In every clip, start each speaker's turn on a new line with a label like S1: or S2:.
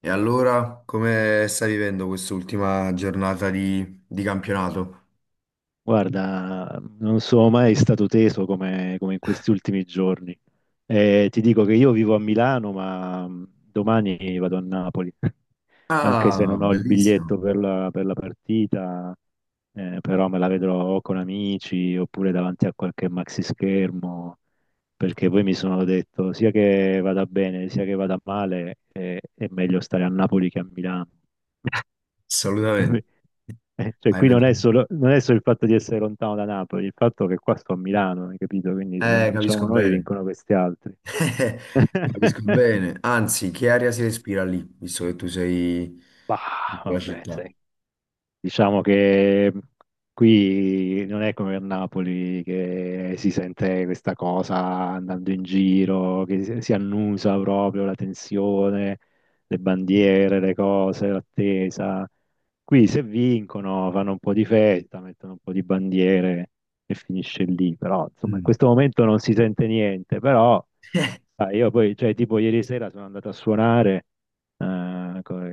S1: E allora, come stai vivendo quest'ultima giornata di campionato?
S2: Guarda, non sono mai stato teso come, come in questi ultimi giorni. Ti dico che io vivo a Milano, ma domani vado a Napoli, anche se
S1: Ah,
S2: non ho il
S1: bellissimo,
S2: biglietto per la partita, però me la vedrò con amici oppure davanti a qualche maxi schermo, perché poi mi sono detto sia che vada bene sia che vada male, è meglio stare a Napoli che a Milano.
S1: assolutamente.
S2: Cioè,
S1: Hai
S2: qui non è
S1: ragione.
S2: solo, non è solo il fatto di essere lontano da Napoli, il fatto che qua sto a Milano, hai capito? Quindi se non vinciamo
S1: Capisco
S2: noi,
S1: bene.
S2: vincono questi altri.
S1: Capisco bene. Anzi, che aria si respira lì, visto che tu sei
S2: Bah,
S1: in quella
S2: vabbè,
S1: città?
S2: sai. Diciamo che qui non è come a Napoli che si sente questa cosa andando in giro, che si annusa proprio la tensione, le bandiere, le cose, l'attesa. Qui se vincono fanno un po' di festa, mettono un po' di bandiere e finisce lì. Però insomma in
S1: Mm.
S2: questo momento non si sente niente, però sai, io poi, cioè tipo ieri sera sono andato a suonare eh, co-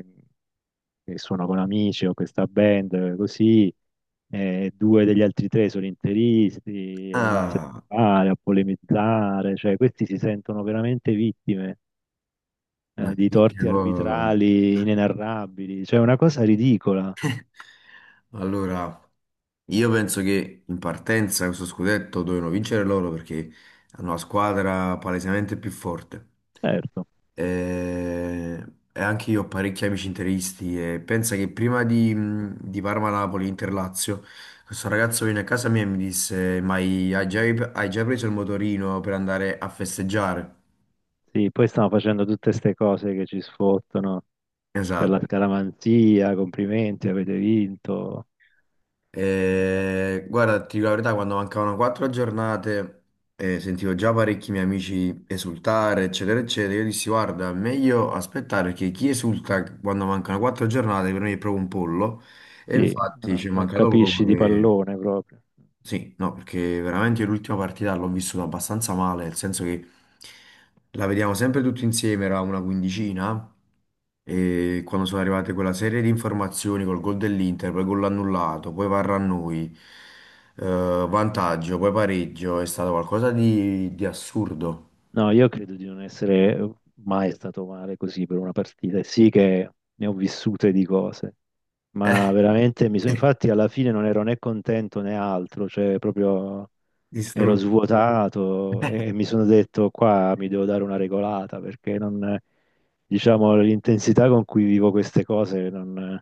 S2: che suono con amici, ho questa band, così, due degli altri tre sono interisti, ed hanno iniziato
S1: Ah,
S2: a fare, a polemizzare, cioè questi si sentono veramente vittime,
S1: ma
S2: di torti
S1: tipo...
S2: arbitrali inenarrabili, cioè una cosa ridicola,
S1: Allora, io penso che in partenza questo scudetto dovevano vincere loro perché hanno la squadra palesemente più forte.
S2: certo.
S1: E, e anche io ho parecchi amici interisti e pensa che prima di Parma-Napoli, Inter-Lazio, questo ragazzo venne a casa mia e mi disse, ma hai già, hai già preso il motorino per andare a festeggiare?
S2: Sì, poi stiamo facendo tutte queste cose che ci sfottono per
S1: Esatto.
S2: la scaramanzia, complimenti, avete vinto. Eh,
S1: Guarda, ti dico la verità, quando mancavano quattro giornate sentivo già parecchi miei amici esultare, eccetera, eccetera. Io dissi, guarda, meglio aspettare perché chi esulta quando mancano quattro giornate per me è proprio un pollo. E
S2: Sì,
S1: infatti
S2: non
S1: ci è
S2: non
S1: mancato
S2: capisci
S1: poco
S2: di
S1: che
S2: pallone proprio.
S1: sì, no, perché veramente io l'ultima partita l'ho vissuta abbastanza male, nel senso che la vediamo sempre tutti insieme, era una quindicina, e quando sono arrivate quella serie di informazioni col gol dell'Inter, poi gol annullato, poi VAR a noi, eh, vantaggio, poi pareggio, è stato qualcosa di assurdo.
S2: No, io credo di non essere mai stato male così per una partita. E sì che ne ho vissute di cose, ma veramente mi sono, infatti alla fine non ero né contento né altro, cioè proprio ero
S1: Distrutto.
S2: svuotato e mi sono detto qua mi devo dare una regolata perché non, diciamo, l'intensità con cui vivo queste cose non,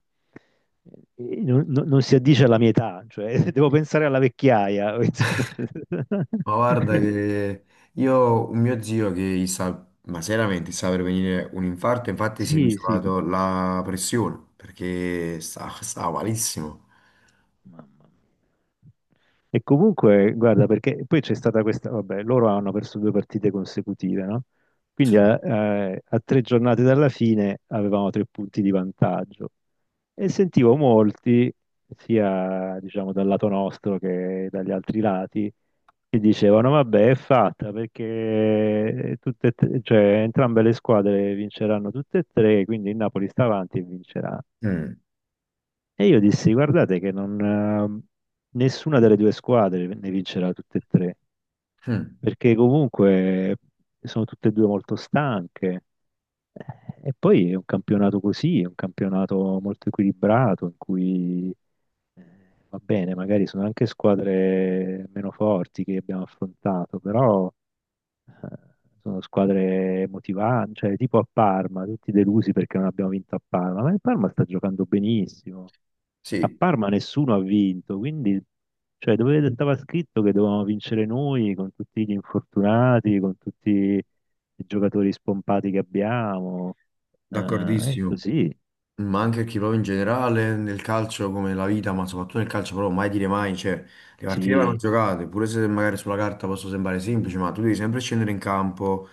S2: non si addice alla mia età, cioè devo pensare alla vecchiaia.
S1: Ma guarda che io ho un mio zio che gli sta, ma seriamente gli sta per venire un infarto, infatti si è
S2: Sì, sì.
S1: misurato la pressione perché sta, sta malissimo.
S2: Mamma mia. E comunque, guarda, perché poi c'è stata questa, vabbè, loro hanno perso due partite consecutive, no? Quindi
S1: Sì.
S2: a tre giornate dalla fine avevamo tre punti di vantaggio e sentivo molti, sia diciamo dal lato nostro che dagli altri lati, che dicevano, vabbè, è fatta perché cioè, entrambe le squadre vinceranno tutte e tre, quindi il Napoli sta avanti e vincerà.
S1: Mm.
S2: E io dissi, guardate che non, nessuna delle due squadre ne vincerà tutte e tre,
S1: Mm.
S2: perché comunque sono tutte e due molto stanche. Eh, E poi è un campionato così, è un campionato molto equilibrato, in cui va bene, magari sono anche squadre meno forti che abbiamo affrontato, però eh, sono squadre motivanti, cioè tipo a Parma, tutti delusi perché non abbiamo vinto a Parma, ma il Parma sta giocando benissimo. A
S1: Sì,
S2: Parma nessuno ha vinto, quindi cioè, dove stava scritto che dovevamo vincere noi con tutti gli infortunati, con tutti i giocatori spompati che abbiamo. Eh, è
S1: d'accordissimo.
S2: così,
S1: Ma anche perché proprio in generale nel calcio come la vita, ma soprattutto nel calcio proprio mai dire mai, cioè le partite vanno
S2: sì,
S1: giocate, pure se magari sulla carta possono sembrare semplici, ma tu devi sempre scendere in campo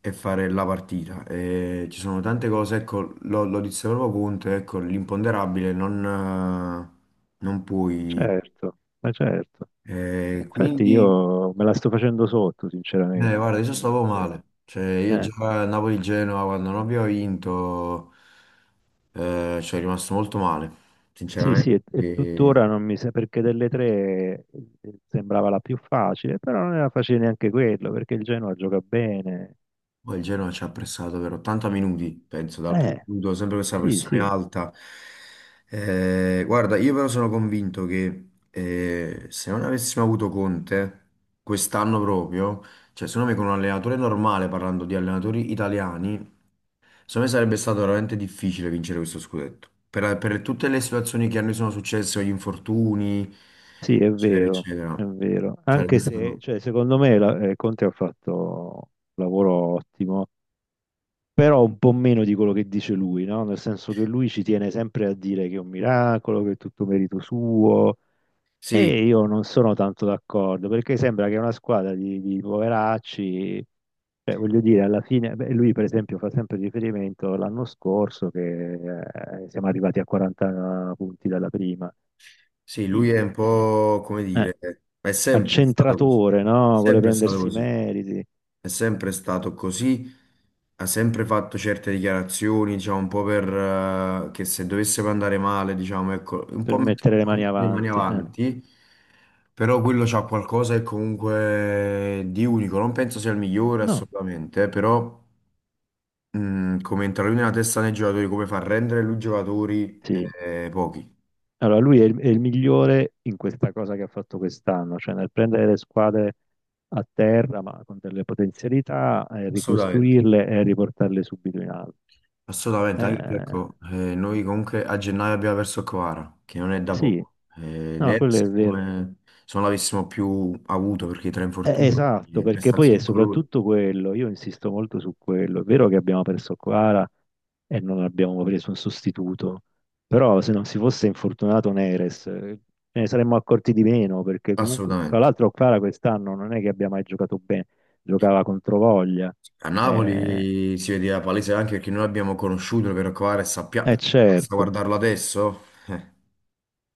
S1: e fare la partita. E ci sono tante cose, ecco, lo disse proprio Conte, ecco, l'imponderabile non, non puoi.
S2: certo, ma certo. Infatti
S1: Quindi
S2: io me la sto facendo sotto,
S1: eh,
S2: sinceramente,
S1: guarda, io
S2: perché
S1: stavo male. Cioè, io
S2: eh,
S1: già a Napoli-Genova, quando non abbiamo vinto, ci è rimasto molto male,
S2: sì, sì,
S1: sinceramente.
S2: e
S1: E
S2: tuttora non mi sa perché delle tre sembrava la più facile, però non era facile neanche quello, perché il Genoa gioca bene.
S1: poi il
S2: Eh,
S1: Genova ci ha pressato per 80 minuti, penso, dal primo
S2: eh,
S1: minuto, sempre questa
S2: sì,
S1: pressione
S2: sì,
S1: alta. Guarda, io però sono convinto che se non avessimo avuto Conte, quest'anno proprio, cioè secondo me con un allenatore normale, parlando di allenatori italiani, secondo me sarebbe stato veramente difficile vincere questo scudetto. Per tutte le situazioni che a noi sono successe, gli infortuni,
S2: sì, è
S1: eccetera,
S2: vero,
S1: eccetera.
S2: è vero.
S1: Sarebbe
S2: Anche se,
S1: stato...
S2: cioè, secondo me Conte ha fatto un lavoro ottimo, però un po' meno di quello che dice lui, no? Nel senso che lui ci tiene sempre a dire che è un miracolo, che è tutto merito suo.
S1: Sì,
S2: E io non sono tanto d'accordo perché sembra che una squadra di poveracci, cioè, voglio dire, alla fine, beh, lui per esempio fa sempre riferimento l'anno scorso che siamo arrivati a 40 punti dalla prima.
S1: sì, lui
S2: Sì,
S1: è un
S2: eh,
S1: po', come
S2: eh,
S1: dire, ma è sempre stato così.
S2: accentratore,
S1: È
S2: no? Vuole
S1: sempre stato
S2: prendersi i
S1: così.
S2: meriti
S1: È sempre stato così, ha sempre fatto certe dichiarazioni, diciamo, un po' per che se dovesse andare male, diciamo, ecco, un
S2: per
S1: po' mettere
S2: mettere
S1: un
S2: le mani
S1: po' le mani
S2: avanti.
S1: avanti, però quello c'ha qualcosa che comunque di unico, non penso sia il migliore
S2: No,
S1: assolutamente, però come entra lui nella testa dei giocatori, come fa a rendere lui i giocatori,
S2: sì.
S1: pochi,
S2: Allora, lui è è il migliore in questa cosa che ha fatto quest'anno, cioè nel prendere le squadre a terra, ma con delle potenzialità, e
S1: assolutamente.
S2: ricostruirle e riportarle subito in alto.
S1: Assolutamente, anche perché ecco,
S2: Eh,
S1: noi comunque a gennaio abbiamo perso Kvara, che non è da
S2: sì,
S1: poco.
S2: no, quello
S1: Neres
S2: è
S1: è
S2: vero.
S1: come se non l'avessimo più avuto, perché tra infortuni
S2: Esatto,
S1: e
S2: perché poi è
S1: prestazioni colori,
S2: soprattutto quello, io insisto molto su quello, è vero che abbiamo perso Quara e non abbiamo preso un sostituto, però se non si fosse infortunato Neres ce ne saremmo accorti di meno, perché comunque, tra
S1: assolutamente.
S2: l'altro Quara quest'anno non è che abbia mai giocato bene, giocava contro voglia,
S1: A
S2: eh,
S1: Napoli si vedeva palese anche perché noi l'abbiamo conosciuto per Kvara e sappiamo, basta
S2: certo.
S1: guardarlo adesso. Eh,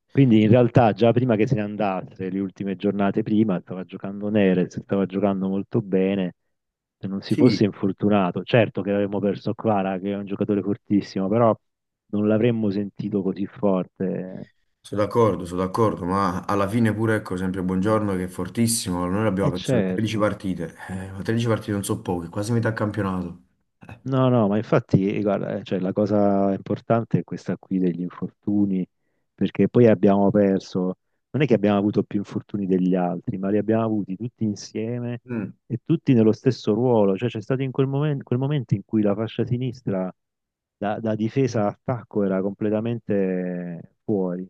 S2: Quindi in realtà già prima che se ne andasse, le ultime giornate prima, stava giocando Neres, stava giocando molto bene, se non si fosse
S1: Sì,
S2: infortunato. Certo che avremmo perso Kvara, che è un giocatore fortissimo, però non l'avremmo sentito così forte.
S1: sono d'accordo, ma alla fine pure, ecco, sempre Buongiorno che è fortissimo, noi l'abbiamo
S2: E
S1: perso per 13
S2: certo.
S1: partite, ma 13 partite non so poche, quasi metà campionato. Eh.
S2: No, no, ma infatti, guarda, cioè, la cosa importante è questa qui degli infortuni, perché poi abbiamo perso, non è che abbiamo avuto più infortuni degli altri, ma li abbiamo avuti tutti insieme
S1: Mm.
S2: e tutti nello stesso ruolo, cioè c'è stato in quel momento in cui la fascia sinistra da difesa a attacco era completamente fuori,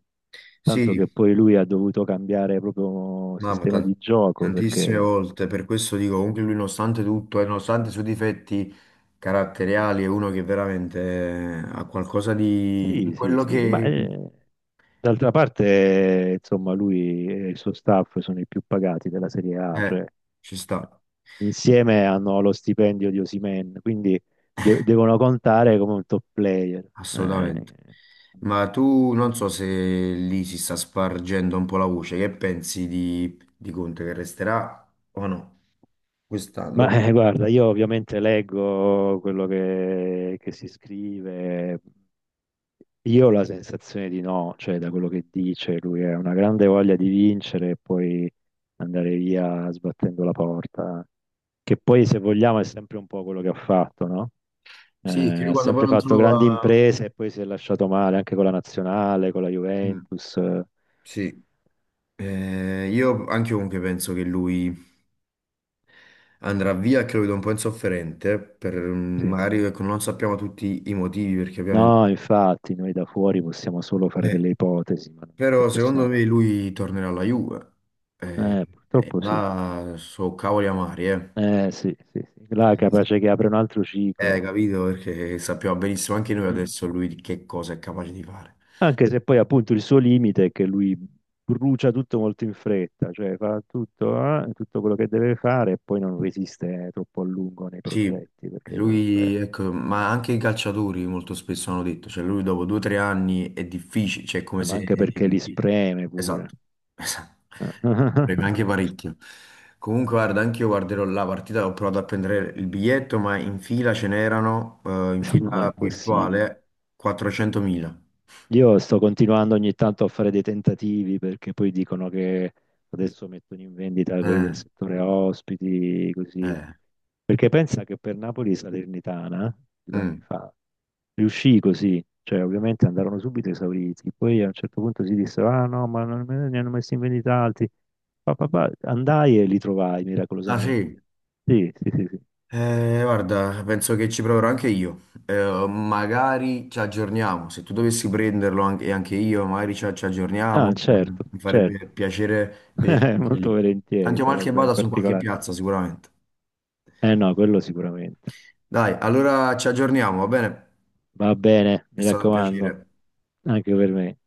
S2: tanto che
S1: Sì,
S2: poi lui ha dovuto cambiare proprio
S1: mamma,
S2: sistema di gioco,
S1: tantissime
S2: perché
S1: volte, per questo dico, comunque lui nonostante tutto e nonostante i suoi difetti caratteriali è uno che veramente ha qualcosa di... in
S2: sì, sì,
S1: quello
S2: sì, ma...
S1: che...
S2: eh, D'altra parte, insomma, lui e il suo staff sono i più pagati della Serie A,
S1: eh,
S2: cioè
S1: ci sta,
S2: insieme hanno lo stipendio di Osimhen, quindi devono contare come un top player. Eh,
S1: assolutamente. Ma tu non so se lì si sta spargendo un po' la voce, che pensi di Conte che resterà o no? Quest'anno, dopo...
S2: Guarda, io ovviamente leggo quello che si scrive, io ho la sensazione di no, cioè da quello che dice, lui ha una grande voglia di vincere e poi andare via sbattendo la porta, che poi se vogliamo è sempre un po' quello che ha fatto, no?
S1: Sì, che
S2: Eh,
S1: lui
S2: ha
S1: quando poi
S2: sempre
S1: non
S2: fatto grandi
S1: trova...
S2: imprese e poi si è lasciato male anche con la nazionale, con la
S1: Mm,
S2: Juventus.
S1: sì, eh, io anche comunque penso che lui... andrà via, credo, un po' insofferente, per mm,
S2: Sì.
S1: magari ecco, non sappiamo tutti i motivi, perché ovviamente...
S2: No, infatti, noi da fuori possiamo solo fare
S1: eh,
S2: delle ipotesi, ma non che
S1: però secondo
S2: possiamo.
S1: me lui tornerà alla Juve. Eh, e
S2: Purtroppo sì.
S1: là so cavoli amari, eh.
S2: Sì, sì, sì. Là è capace che apre un altro ciclo.
S1: Capito? Perché sappiamo benissimo anche noi
S2: Mm.
S1: adesso lui di che cosa è capace di fare.
S2: Anche se poi appunto il suo limite è che lui brucia tutto molto in fretta, cioè fa tutto, tutto quello che deve fare e poi non resiste troppo a lungo nei
S1: Sì,
S2: progetti, perché comunque
S1: lui, ecco, ma anche i calciatori molto spesso hanno detto, cioè lui dopo due o tre anni è difficile, cioè è come
S2: Ma
S1: se...
S2: anche perché li spreme pure.
S1: Esatto, esatto, preme anche parecchio. Comunque guarda, anche io guarderò la partita, ho provato a prendere il biglietto, ma in fila ce n'erano, in
S2: No,
S1: fila
S2: impossibile.
S1: virtuale, 400.000.
S2: Io sto continuando ogni tanto a fare dei tentativi perché poi dicono che adesso mettono in vendita quelli del
S1: Eh,
S2: settore ospiti, così.
S1: eh,
S2: Perché pensa che per Napoli Salernitana, due anni
S1: mm.
S2: fa, riuscì così. Cioè, ovviamente andarono subito esauriti. Poi a un certo punto si dissero, ah no, ma ne hanno messi in vendita altri. Pa, pa, pa. Andai e li trovai
S1: Ah sì?
S2: miracolosamente. Sì, sì, sì, sì.
S1: Guarda, penso che ci proverò anche io. Magari ci aggiorniamo. Se tu dovessi prenderlo anche, e anche io, magari ci
S2: Ah,
S1: aggiorniamo.
S2: certo,
S1: Mi farebbe
S2: certo.
S1: piacere vederci anche
S2: Molto
S1: lì.
S2: volentieri,
S1: Tanto male che
S2: sarebbe
S1: vada su qualche
S2: particolare.
S1: piazza, sicuramente.
S2: Eh no, quello sicuramente.
S1: Dai, allora ci aggiorniamo, va bene?
S2: Va bene,
S1: È
S2: mi
S1: stato un
S2: raccomando,
S1: piacere.
S2: anche per me.